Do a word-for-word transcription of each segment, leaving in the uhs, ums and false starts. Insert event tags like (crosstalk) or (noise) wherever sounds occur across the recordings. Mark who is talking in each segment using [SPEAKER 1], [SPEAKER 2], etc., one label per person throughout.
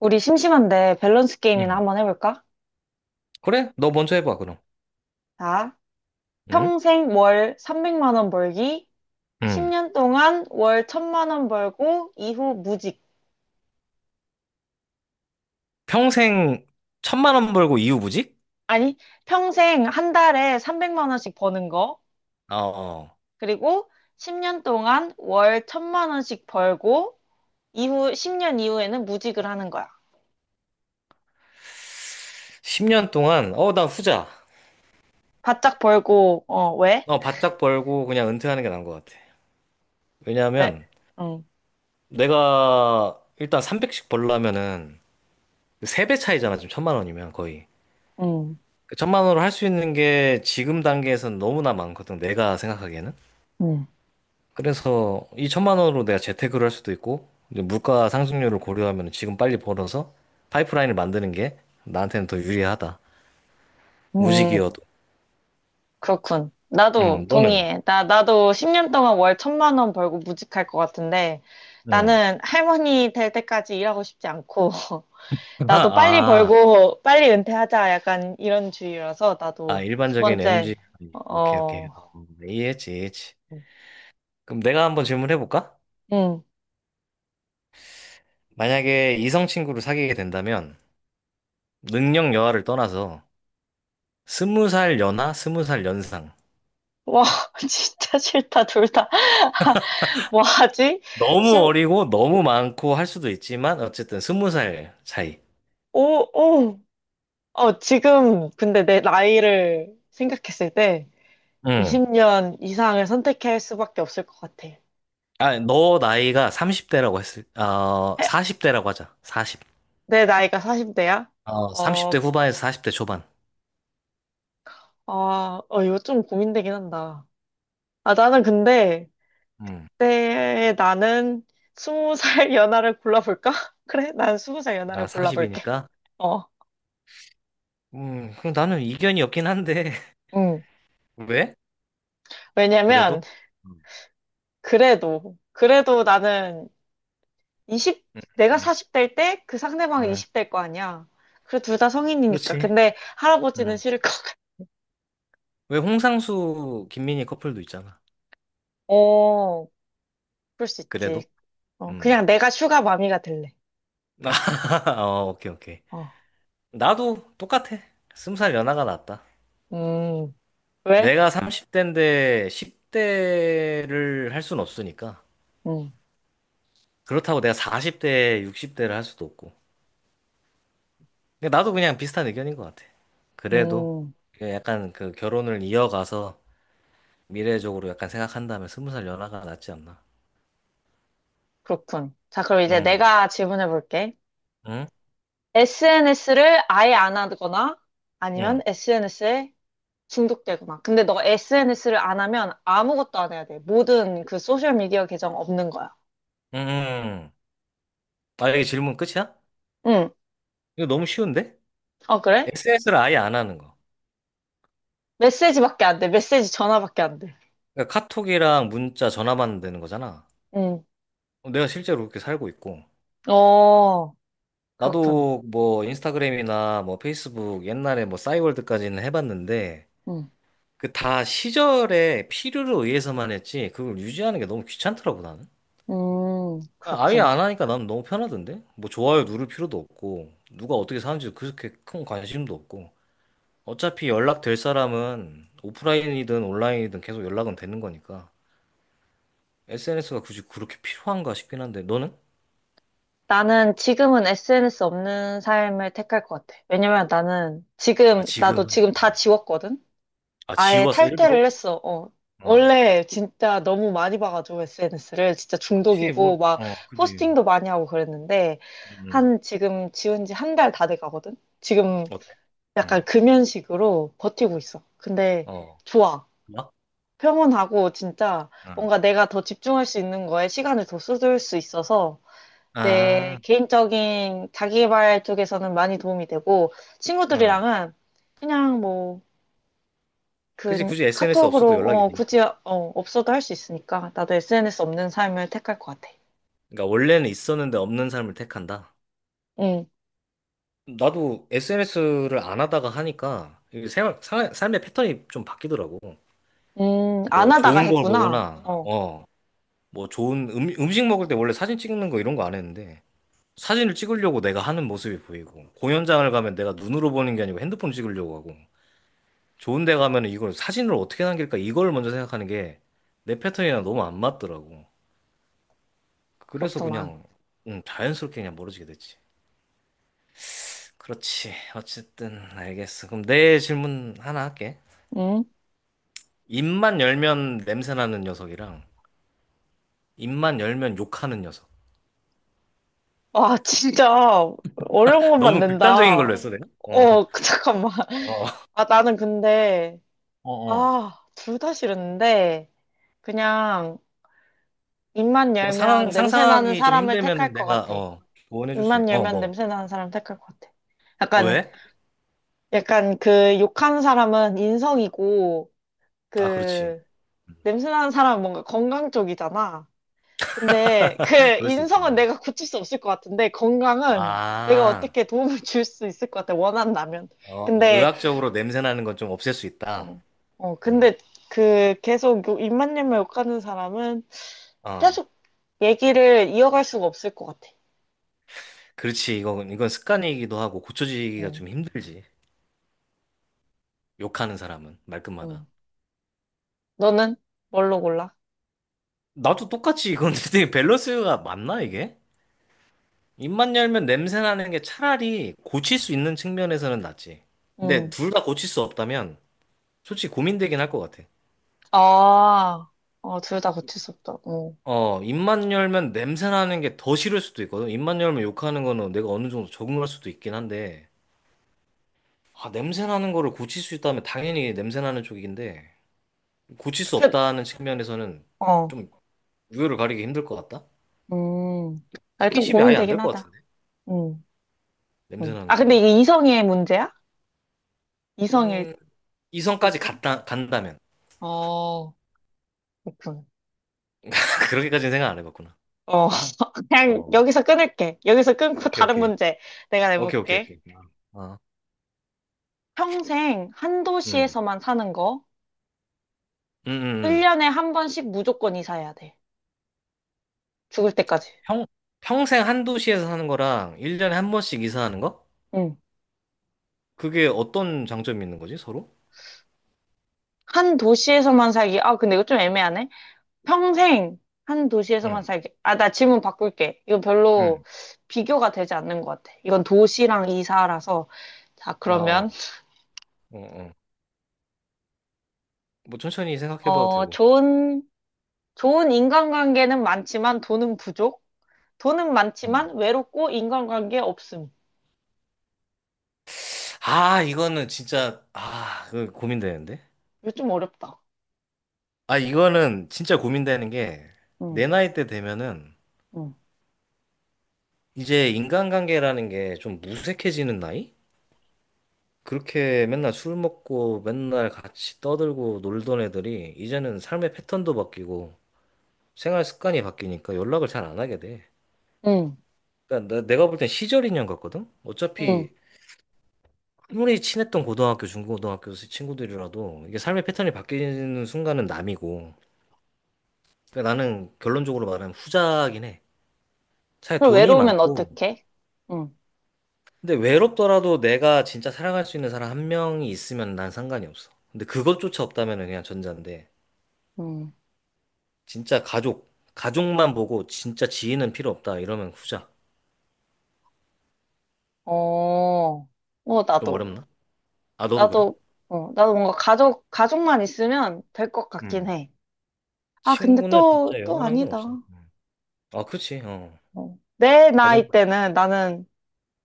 [SPEAKER 1] 우리 심심한데 밸런스 게임이나
[SPEAKER 2] 응,
[SPEAKER 1] 한번 해볼까?
[SPEAKER 2] 그래? 너 먼저 해봐, 그럼.
[SPEAKER 1] 자,
[SPEAKER 2] 응?
[SPEAKER 1] 평생 월 삼백만 원 벌기,
[SPEAKER 2] 응.
[SPEAKER 1] 십 년 동안 월 천만 원 벌고, 이후 무직.
[SPEAKER 2] 평생 천만 원 벌고 이후부직?
[SPEAKER 1] 아니, 평생 한 달에 삼백만 원씩 버는 거.
[SPEAKER 2] 어, 어.
[SPEAKER 1] 그리고 십 년 동안 월 천만 원씩 벌고, 이후 십 년 이후에는 무직을 하는 거야.
[SPEAKER 2] 십 년 동안, 어, 나 후자.
[SPEAKER 1] 바짝 벌고, 어, 왜?
[SPEAKER 2] 어, 바짝 벌고 그냥 은퇴하는 게 나은 것 같아.
[SPEAKER 1] 왜?
[SPEAKER 2] 왜냐하면
[SPEAKER 1] 응,
[SPEAKER 2] 내가 일단 삼백씩 벌려면은 세 배 차이잖아, 지금 천만 원이면 거의.
[SPEAKER 1] 응,
[SPEAKER 2] 그 천만 원으로 할 수 있는 게 지금 단계에서는 너무나 많거든, 내가 생각하기에는.
[SPEAKER 1] 응.
[SPEAKER 2] 그래서 이천만 원으로 내가 재테크를 할 수도 있고 이제 물가 상승률을 고려하면 지금 빨리 벌어서 파이프라인을 만드는 게 나한테는 더 유리하다.
[SPEAKER 1] 음,
[SPEAKER 2] 무직이어도.
[SPEAKER 1] 그렇군.
[SPEAKER 2] 음,
[SPEAKER 1] 나도
[SPEAKER 2] 너는?
[SPEAKER 1] 동의해. 나, 나도 십 년 동안 월 천만 원 벌고 무직할 것 같은데.
[SPEAKER 2] 음.
[SPEAKER 1] 나는 할머니 될 때까지 일하고 싶지 않고. (laughs)
[SPEAKER 2] (laughs)
[SPEAKER 1] 나도 빨리
[SPEAKER 2] 아, 아,
[SPEAKER 1] 벌고 빨리 은퇴하자 약간 이런 주의라서 나도
[SPEAKER 2] 아,
[SPEAKER 1] 두
[SPEAKER 2] 일반적인 m 지.
[SPEAKER 1] 번째.
[SPEAKER 2] 오케이, 오케이.
[SPEAKER 1] 어,
[SPEAKER 2] 어, 이해했지, 이해했지. 그럼 내가 한번 질문해볼까?
[SPEAKER 1] 응.
[SPEAKER 2] 만약에 이성 친구를 사귀게 된다면 능력 여하를 떠나서 스무 살 연하, 스무 살 연상.
[SPEAKER 1] 와, (laughs) 진짜 싫다, 둘 다. (laughs) 뭐 하지?
[SPEAKER 2] 너무
[SPEAKER 1] 심,
[SPEAKER 2] 어리고 너무 많고 할 수도 있지만 어쨌든 스무 살 차이.
[SPEAKER 1] 오, 오. 어, 지금, 근데 내 나이를 생각했을 때
[SPEAKER 2] 음.
[SPEAKER 1] 이십 년 이상을 선택할 수밖에 없을 것 같아.
[SPEAKER 2] 아, 너 나이가 삼십 대라고 했을, 어, 사십 대라고 하자. 사십.
[SPEAKER 1] 내 나이가 사십 대야?
[SPEAKER 2] 어,
[SPEAKER 1] 어,
[SPEAKER 2] 삼십 대 후반에서 사십 대 초반.
[SPEAKER 1] 아, 어, 이거 좀 고민되긴 한다. 아, 나는 근데,
[SPEAKER 2] 음.
[SPEAKER 1] 그때 나는 스무살 연하를 골라볼까? (laughs) 그래? 난 스무살
[SPEAKER 2] 나
[SPEAKER 1] 연하를 골라볼게.
[SPEAKER 2] 사십이니까.
[SPEAKER 1] 어,
[SPEAKER 2] 음, 그럼 나는 이견이 없긴 한데. (laughs)
[SPEAKER 1] 응.
[SPEAKER 2] 왜? 그래도?
[SPEAKER 1] 왜냐면,
[SPEAKER 2] 음.
[SPEAKER 1] 그래도, 그래도 나는 이십,
[SPEAKER 2] 음,
[SPEAKER 1] 내가
[SPEAKER 2] 음,
[SPEAKER 1] 사십 대일 때 그 상대방은
[SPEAKER 2] 음.
[SPEAKER 1] 이십 대일 거 아니야. 그래, 둘 다 성인이니까.
[SPEAKER 2] 그렇지.
[SPEAKER 1] 근데 할아버지는
[SPEAKER 2] 음.
[SPEAKER 1] 싫을 것 같아.
[SPEAKER 2] 왜 홍상수, 김민희 커플도 있잖아.
[SPEAKER 1] 어, 그럴 수
[SPEAKER 2] 그래도?
[SPEAKER 1] 있지. 어,
[SPEAKER 2] 음.
[SPEAKER 1] 그냥 내가 슈가 마미가 될래.
[SPEAKER 2] (laughs) 아, 어, 오케이, 오케이.
[SPEAKER 1] 어,
[SPEAKER 2] 나도 똑같아. 스무 살 연하가 낫다.
[SPEAKER 1] 음, 왜?
[SPEAKER 2] 내가 삼십 대인데 십 대를 할 순 없으니까. 그렇다고 내가 사십 대, 육십 대를 할 수도 없고. 근데 나도 그냥 비슷한 의견인 것 같아. 그래도
[SPEAKER 1] 음,
[SPEAKER 2] 약간 그 결혼을 이어가서 미래적으로 약간 생각한다면 스무 살 연하가 낫지 않나.
[SPEAKER 1] 그렇군. 자, 그럼 이제
[SPEAKER 2] 응,
[SPEAKER 1] 내가 질문해 볼게.
[SPEAKER 2] 응,
[SPEAKER 1] 에스엔에스를 아예 안 하거나 아니면
[SPEAKER 2] 응,
[SPEAKER 1] 에스엔에스에 중독되거나. 근데 너 에스엔에스를 안 하면 아무것도 안 해야 돼. 모든 그 소셜미디어 계정 없는 거야.
[SPEAKER 2] 응. 아, 이게 질문 끝이야?
[SPEAKER 1] 응.
[SPEAKER 2] 이거 너무 쉬운데?
[SPEAKER 1] 어, 그래?
[SPEAKER 2] 에스엔에스를 아예 안 하는 거.
[SPEAKER 1] 메시지밖에 안 돼. 메시지 전화밖에 안 돼.
[SPEAKER 2] 그러니까 카톡이랑 문자, 전화만 되는 거잖아.
[SPEAKER 1] 응.
[SPEAKER 2] 어, 내가 실제로 그렇게 살고 있고.
[SPEAKER 1] 어, 그렇군.
[SPEAKER 2] 나도 뭐 인스타그램이나 뭐 페이스북 옛날에 뭐 싸이월드까지는 해봤는데
[SPEAKER 1] 응.
[SPEAKER 2] 그 다 시절의 필요로 의해서만 했지 그걸 유지하는 게 너무 귀찮더라고 나는.
[SPEAKER 1] 음,
[SPEAKER 2] 아, 아예
[SPEAKER 1] 그렇군.
[SPEAKER 2] 안 하니까 나는 너무 편하던데. 뭐 좋아요 누를 필요도 없고 누가 어떻게 사는지도 그렇게 큰 관심도 없고 어차피 연락될 사람은 오프라인이든 온라인이든 계속 연락은 되는 거니까 에스엔에스가 굳이 그렇게 필요한가 싶긴 한데 너는?
[SPEAKER 1] 나는 지금은 에스엔에스 없는 삶을 택할 것 같아. 왜냐면 나는
[SPEAKER 2] 아,
[SPEAKER 1] 지금, 나도
[SPEAKER 2] 지금은?
[SPEAKER 1] 지금 다 지웠거든?
[SPEAKER 2] 아,
[SPEAKER 1] 아예
[SPEAKER 2] 지웠어 일부러?
[SPEAKER 1] 탈퇴를 했어. 어.
[SPEAKER 2] 어.
[SPEAKER 1] 원래 진짜 너무 많이 봐가지고 에스엔에스를 진짜
[SPEAKER 2] 그치
[SPEAKER 1] 중독이고
[SPEAKER 2] 뭐
[SPEAKER 1] 막
[SPEAKER 2] 어 그지.
[SPEAKER 1] 포스팅도 많이 하고 그랬는데
[SPEAKER 2] 음. 음.
[SPEAKER 1] 한 지금 지운 지 한 달 다 돼 가거든. 지금
[SPEAKER 2] 어때?
[SPEAKER 1] 약간
[SPEAKER 2] 응.
[SPEAKER 1] 금연식으로 버티고 있어. 근데
[SPEAKER 2] 어.
[SPEAKER 1] 좋아.
[SPEAKER 2] 나?
[SPEAKER 1] 평온하고 진짜
[SPEAKER 2] 응.
[SPEAKER 1] 뭔가 내가 더 집중할 수 있는 거에 시간을 더 쏟을 수 있어서 내
[SPEAKER 2] 아.
[SPEAKER 1] 개인적인 자기개발 쪽에서는 많이 도움이 되고
[SPEAKER 2] 응.
[SPEAKER 1] 친구들이랑은 그냥 뭐
[SPEAKER 2] 그지,
[SPEAKER 1] 그
[SPEAKER 2] 굳이 에스엔에스
[SPEAKER 1] 카톡으로
[SPEAKER 2] 없어도 연락이
[SPEAKER 1] 어,
[SPEAKER 2] 되니까.
[SPEAKER 1] 굳이 어, 없어도 할 수 있으니까 나도 에스엔에스 없는 삶을 택할 것 같아.
[SPEAKER 2] 그러니까 원래는 있었는데 없는 삶을 택한다.
[SPEAKER 1] 응,
[SPEAKER 2] 나도 에스엔에스를 안 하다가 하니까 이게 생활, 사- 삶의 패턴이 좀 바뀌더라고.
[SPEAKER 1] 음, 안
[SPEAKER 2] 뭐
[SPEAKER 1] 하다가
[SPEAKER 2] 좋은 걸
[SPEAKER 1] 했구나.
[SPEAKER 2] 보거나,
[SPEAKER 1] 어,
[SPEAKER 2] 어, 뭐 좋은 음, 음식 먹을 때 원래 사진 찍는 거 이런 거 안 했는데 사진을 찍으려고 내가 하는 모습이 보이고 공연장을 가면 내가 눈으로 보는 게 아니고 핸드폰 찍으려고 하고 좋은 데 가면 이걸 사진을 어떻게 남길까 이걸 먼저 생각하는 게 내 패턴이랑 너무 안 맞더라고. 그래서
[SPEAKER 1] 그렇구만.
[SPEAKER 2] 그냥 음, 자연스럽게 그냥 멀어지게 됐지. 그렇지. 어쨌든 알겠어. 그럼 내 질문 하나 할게.
[SPEAKER 1] 응?
[SPEAKER 2] 입만 열면 냄새 나는 녀석이랑 입만 열면 욕하는 녀석.
[SPEAKER 1] 와, 진짜 어려운 것만
[SPEAKER 2] 너무 극단적인
[SPEAKER 1] 낸다. 어,
[SPEAKER 2] 걸로 했어, 내가? 어.
[SPEAKER 1] (laughs) 그, 잠깐만.
[SPEAKER 2] 어.
[SPEAKER 1] 아, 나는 근데,
[SPEAKER 2] 어, 어.
[SPEAKER 1] 아, 둘 다 싫은데 그냥 입만
[SPEAKER 2] 뭐 상황
[SPEAKER 1] 열면 냄새 나는
[SPEAKER 2] 상상하기 좀
[SPEAKER 1] 사람을 택할
[SPEAKER 2] 힘들면은
[SPEAKER 1] 것
[SPEAKER 2] 내가
[SPEAKER 1] 같아.
[SPEAKER 2] 어 조언해 줄수 있...
[SPEAKER 1] 입만
[SPEAKER 2] 어,
[SPEAKER 1] 열면
[SPEAKER 2] 뭐.
[SPEAKER 1] 냄새 나는 사람 택할 것 같아. 약간
[SPEAKER 2] 왜?
[SPEAKER 1] 약간 그 욕하는 사람은 인성이고
[SPEAKER 2] 아, 그렇지.
[SPEAKER 1] 그 냄새나는 사람은 뭔가 건강 쪽이잖아. 근데 그
[SPEAKER 2] (laughs) 그럴 수 있죠.
[SPEAKER 1] 인성은 내가 고칠 수 없을 것 같은데 건강은 내가
[SPEAKER 2] 아.
[SPEAKER 1] 어떻게 도움을 줄 수 있을 것 같아. 원한다면.
[SPEAKER 2] 어, 뭐
[SPEAKER 1] 근데
[SPEAKER 2] 의학적으로 냄새 나는 건 좀 없앨 수 있다.
[SPEAKER 1] 어, 어
[SPEAKER 2] 응.
[SPEAKER 1] 근데 그 계속 요- 입만님을 욕하는 사람은
[SPEAKER 2] 어.
[SPEAKER 1] 계속 얘기를 이어갈 수가 없을 것 같아.
[SPEAKER 2] 그렇지. 이건 이건 습관이기도 하고 고쳐지기가
[SPEAKER 1] 응,
[SPEAKER 2] 좀 힘들지. 욕하는 사람은 말끝마다.
[SPEAKER 1] 응. 너는 뭘로 골라?
[SPEAKER 2] 나도 똑같이 이건 (laughs) 되게 밸런스가 맞나, 이게? 입만 열면 냄새 나는 게 차라리 고칠 수 있는 측면에서는 낫지. 근데
[SPEAKER 1] 응.
[SPEAKER 2] 둘 다 고칠 수 없다면 솔직히 고민되긴 할 것 같아.
[SPEAKER 1] 아, 어, 둘 다 고칠 수 없다. 응.
[SPEAKER 2] 어, 입만 열면 냄새 나는 게 더 싫을 수도 있거든. 입만 열면 욕하는 거는 내가 어느 정도 적응할 수도 있긴 한데, 아, 냄새 나는 거를 고칠 수 있다면 당연히 냄새 나는 쪽인데, 고칠 수
[SPEAKER 1] 그래,
[SPEAKER 2] 없다는 측면에서는
[SPEAKER 1] 어,
[SPEAKER 2] 좀 우열을 가리기 힘들 것 같다?
[SPEAKER 1] 음. 나 좀
[SPEAKER 2] 스킨십이 아예 안
[SPEAKER 1] 고민되긴
[SPEAKER 2] 될 것
[SPEAKER 1] 하다.
[SPEAKER 2] 같은데?
[SPEAKER 1] 응.
[SPEAKER 2] 냄새
[SPEAKER 1] 응.
[SPEAKER 2] 나는
[SPEAKER 1] 아, 근데
[SPEAKER 2] 쪽은?
[SPEAKER 1] 이게 이성의 문제야? 이성일
[SPEAKER 2] 음, 이성까지
[SPEAKER 1] 때?
[SPEAKER 2] 갔다, 간다면.
[SPEAKER 1] 어, 그렇군.
[SPEAKER 2] 그렇게까지는 생각 안 해봤구나.
[SPEAKER 1] 어, (laughs) 그냥
[SPEAKER 2] 어,
[SPEAKER 1] 여기서 끊을게. 여기서 끊고
[SPEAKER 2] 오케이,
[SPEAKER 1] 다른
[SPEAKER 2] 오케이.
[SPEAKER 1] 문제 내가
[SPEAKER 2] 오케이, 오케이,
[SPEAKER 1] 내볼게.
[SPEAKER 2] 오케이. 아, 어.
[SPEAKER 1] 평생 한
[SPEAKER 2] 음.
[SPEAKER 1] 도시에서만 사는 거.
[SPEAKER 2] 음, 음, 음.
[SPEAKER 1] 일 년에 한 번씩 무조건 이사해야 돼. 죽을 때까지.
[SPEAKER 2] 평, 평생 한 도시에서 사는 거랑 일 년에 한 번씩 이사하는 거?
[SPEAKER 1] 응.
[SPEAKER 2] 그게 어떤 장점이 있는 거지, 서로?
[SPEAKER 1] 한 도시에서만 살기. 아, 근데 이거 좀 애매하네. 평생 한 도시에서만
[SPEAKER 2] 응,
[SPEAKER 1] 살기. 아, 나 질문 바꿀게. 이거
[SPEAKER 2] 응.
[SPEAKER 1] 별로 비교가 되지 않는 것 같아. 이건 도시랑 이사라서. 자,
[SPEAKER 2] 아, 어,
[SPEAKER 1] 그러면,
[SPEAKER 2] 어, 어. 뭐 천천히 생각해봐도
[SPEAKER 1] 어,
[SPEAKER 2] 되고.
[SPEAKER 1] 좋은 좋은 인간관계는 많지만 돈은 부족. 돈은
[SPEAKER 2] 음.
[SPEAKER 1] 많지만 외롭고 인간관계 없음.
[SPEAKER 2] 아, 이거는 진짜, 아, 그 고민되는데?
[SPEAKER 1] 이거 좀 어렵다.
[SPEAKER 2] 아, 이거는 진짜 고민되는 게,
[SPEAKER 1] 응,
[SPEAKER 2] 내 나이 때 되면은,
[SPEAKER 1] 응,
[SPEAKER 2] 이제 인간관계라는 게 좀 무색해지는 나이? 그렇게 맨날 술 먹고 맨날 같이 떠들고 놀던 애들이 이제는 삶의 패턴도 바뀌고 생활 습관이 바뀌니까 연락을 잘 안 하게 돼.
[SPEAKER 1] 응,
[SPEAKER 2] 그러니까 나- 내가 볼 땐 시절 인연 같거든?
[SPEAKER 1] 응.
[SPEAKER 2] 어차피 아무리 친했던 고등학교, 중고등학교 친구들이라도 이게 삶의 패턴이 바뀌는 순간은 남이고. 그러니까 나는 결론적으로 말하면 후자긴 해. 차라리
[SPEAKER 1] 그걸
[SPEAKER 2] 돈이
[SPEAKER 1] 외로우면
[SPEAKER 2] 많고.
[SPEAKER 1] 어떡해? 응,
[SPEAKER 2] 근데 외롭더라도 내가 진짜 사랑할 수 있는 사람 한 명이 있으면 난 상관이 없어. 근데 그것조차 없다면 그냥 전자인데.
[SPEAKER 1] 응.
[SPEAKER 2] 진짜 가족, 가족만 보고 진짜 지인은 필요 없다. 이러면 후자.
[SPEAKER 1] 어, 어,
[SPEAKER 2] 좀
[SPEAKER 1] 나도.
[SPEAKER 2] 어렵나? 아, 너도 그래?
[SPEAKER 1] 나도, 어, 나도 뭔가 가족, 가족만 있으면 될 것 같긴
[SPEAKER 2] 음.
[SPEAKER 1] 해. 아, 근데
[SPEAKER 2] 친구는
[SPEAKER 1] 또,
[SPEAKER 2] 진짜
[SPEAKER 1] 또
[SPEAKER 2] 영원한 건
[SPEAKER 1] 아니다.
[SPEAKER 2] 없어. 음. 아, 그렇지. 어.
[SPEAKER 1] 어. 내 나이
[SPEAKER 2] 가족만.
[SPEAKER 1] 때는 나는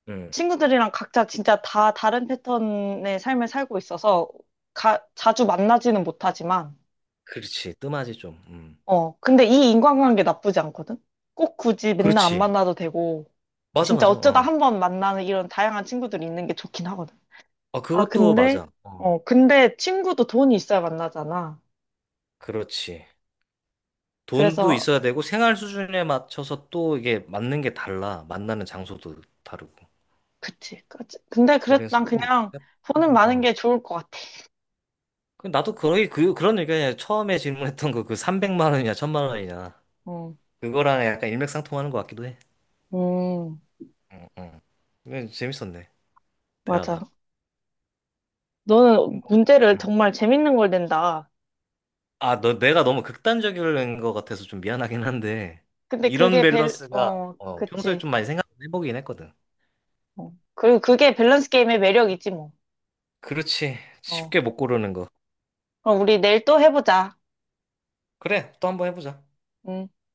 [SPEAKER 2] 응.
[SPEAKER 1] 친구들이랑 각자 진짜 다 다른 패턴의 삶을 살고 있어서 가, 자주 만나지는 못하지만,
[SPEAKER 2] 그렇지. 뜸하지 좀. 음.
[SPEAKER 1] 어, 근데 이 인간관계 나쁘지 않거든? 꼭 굳이 맨날 안
[SPEAKER 2] 그렇지.
[SPEAKER 1] 만나도 되고,
[SPEAKER 2] 맞아,
[SPEAKER 1] 진짜
[SPEAKER 2] 맞아.
[SPEAKER 1] 어쩌다
[SPEAKER 2] 어.
[SPEAKER 1] 한번 만나는 이런 다양한 친구들이 있는 게 좋긴 하거든.
[SPEAKER 2] 아,
[SPEAKER 1] 아,
[SPEAKER 2] 그것도
[SPEAKER 1] 근데,
[SPEAKER 2] 맞아. 어.
[SPEAKER 1] 어, 근데 친구도 돈이 있어야 만나잖아.
[SPEAKER 2] 그렇지. 돈도
[SPEAKER 1] 그래서,
[SPEAKER 2] 있어야 되고 생활 수준에 맞춰서 또 이게 맞는 게 달라. 만나는 장소도 다르고.
[SPEAKER 1] 그치. 그치. 근데 그래,
[SPEAKER 2] 그래서
[SPEAKER 1] 난
[SPEAKER 2] 좀
[SPEAKER 1] 그냥 돈은
[SPEAKER 2] 복잡하지.
[SPEAKER 1] 많은
[SPEAKER 2] 어.
[SPEAKER 1] 게 좋을 것 같아.
[SPEAKER 2] 그 나도 거의 그 그런 얘기야. 처음에 질문했던 거 그 삼백만 원이냐, 천만 원이냐.
[SPEAKER 1] 어,
[SPEAKER 2] 그거랑 약간 일맥상통하는 것 같기도 해.
[SPEAKER 1] 음,
[SPEAKER 2] 응, 응. 이건 재밌었네, 대화가.
[SPEAKER 1] 맞아. 너는
[SPEAKER 2] 뭐,
[SPEAKER 1] 문제를
[SPEAKER 2] 응.
[SPEAKER 1] 정말 재밌는 걸 낸다.
[SPEAKER 2] 아, 너, 내가 너무 극단적인 것 같아서 좀 미안하긴 한데,
[SPEAKER 1] 근데
[SPEAKER 2] 이런
[SPEAKER 1] 그게 밸,
[SPEAKER 2] 밸런스가
[SPEAKER 1] 어,
[SPEAKER 2] 어, 평소에
[SPEAKER 1] 그치.
[SPEAKER 2] 좀 많이 생각해보긴 했거든.
[SPEAKER 1] 어. 그리고 그게 밸런스 게임의 매력이지, 뭐.
[SPEAKER 2] 그렇지.
[SPEAKER 1] 어.
[SPEAKER 2] 쉽게 못 고르는 거.
[SPEAKER 1] 그럼 우리 내일 또 해보자.
[SPEAKER 2] 그래, 또 한 번 해보자.
[SPEAKER 1] 음.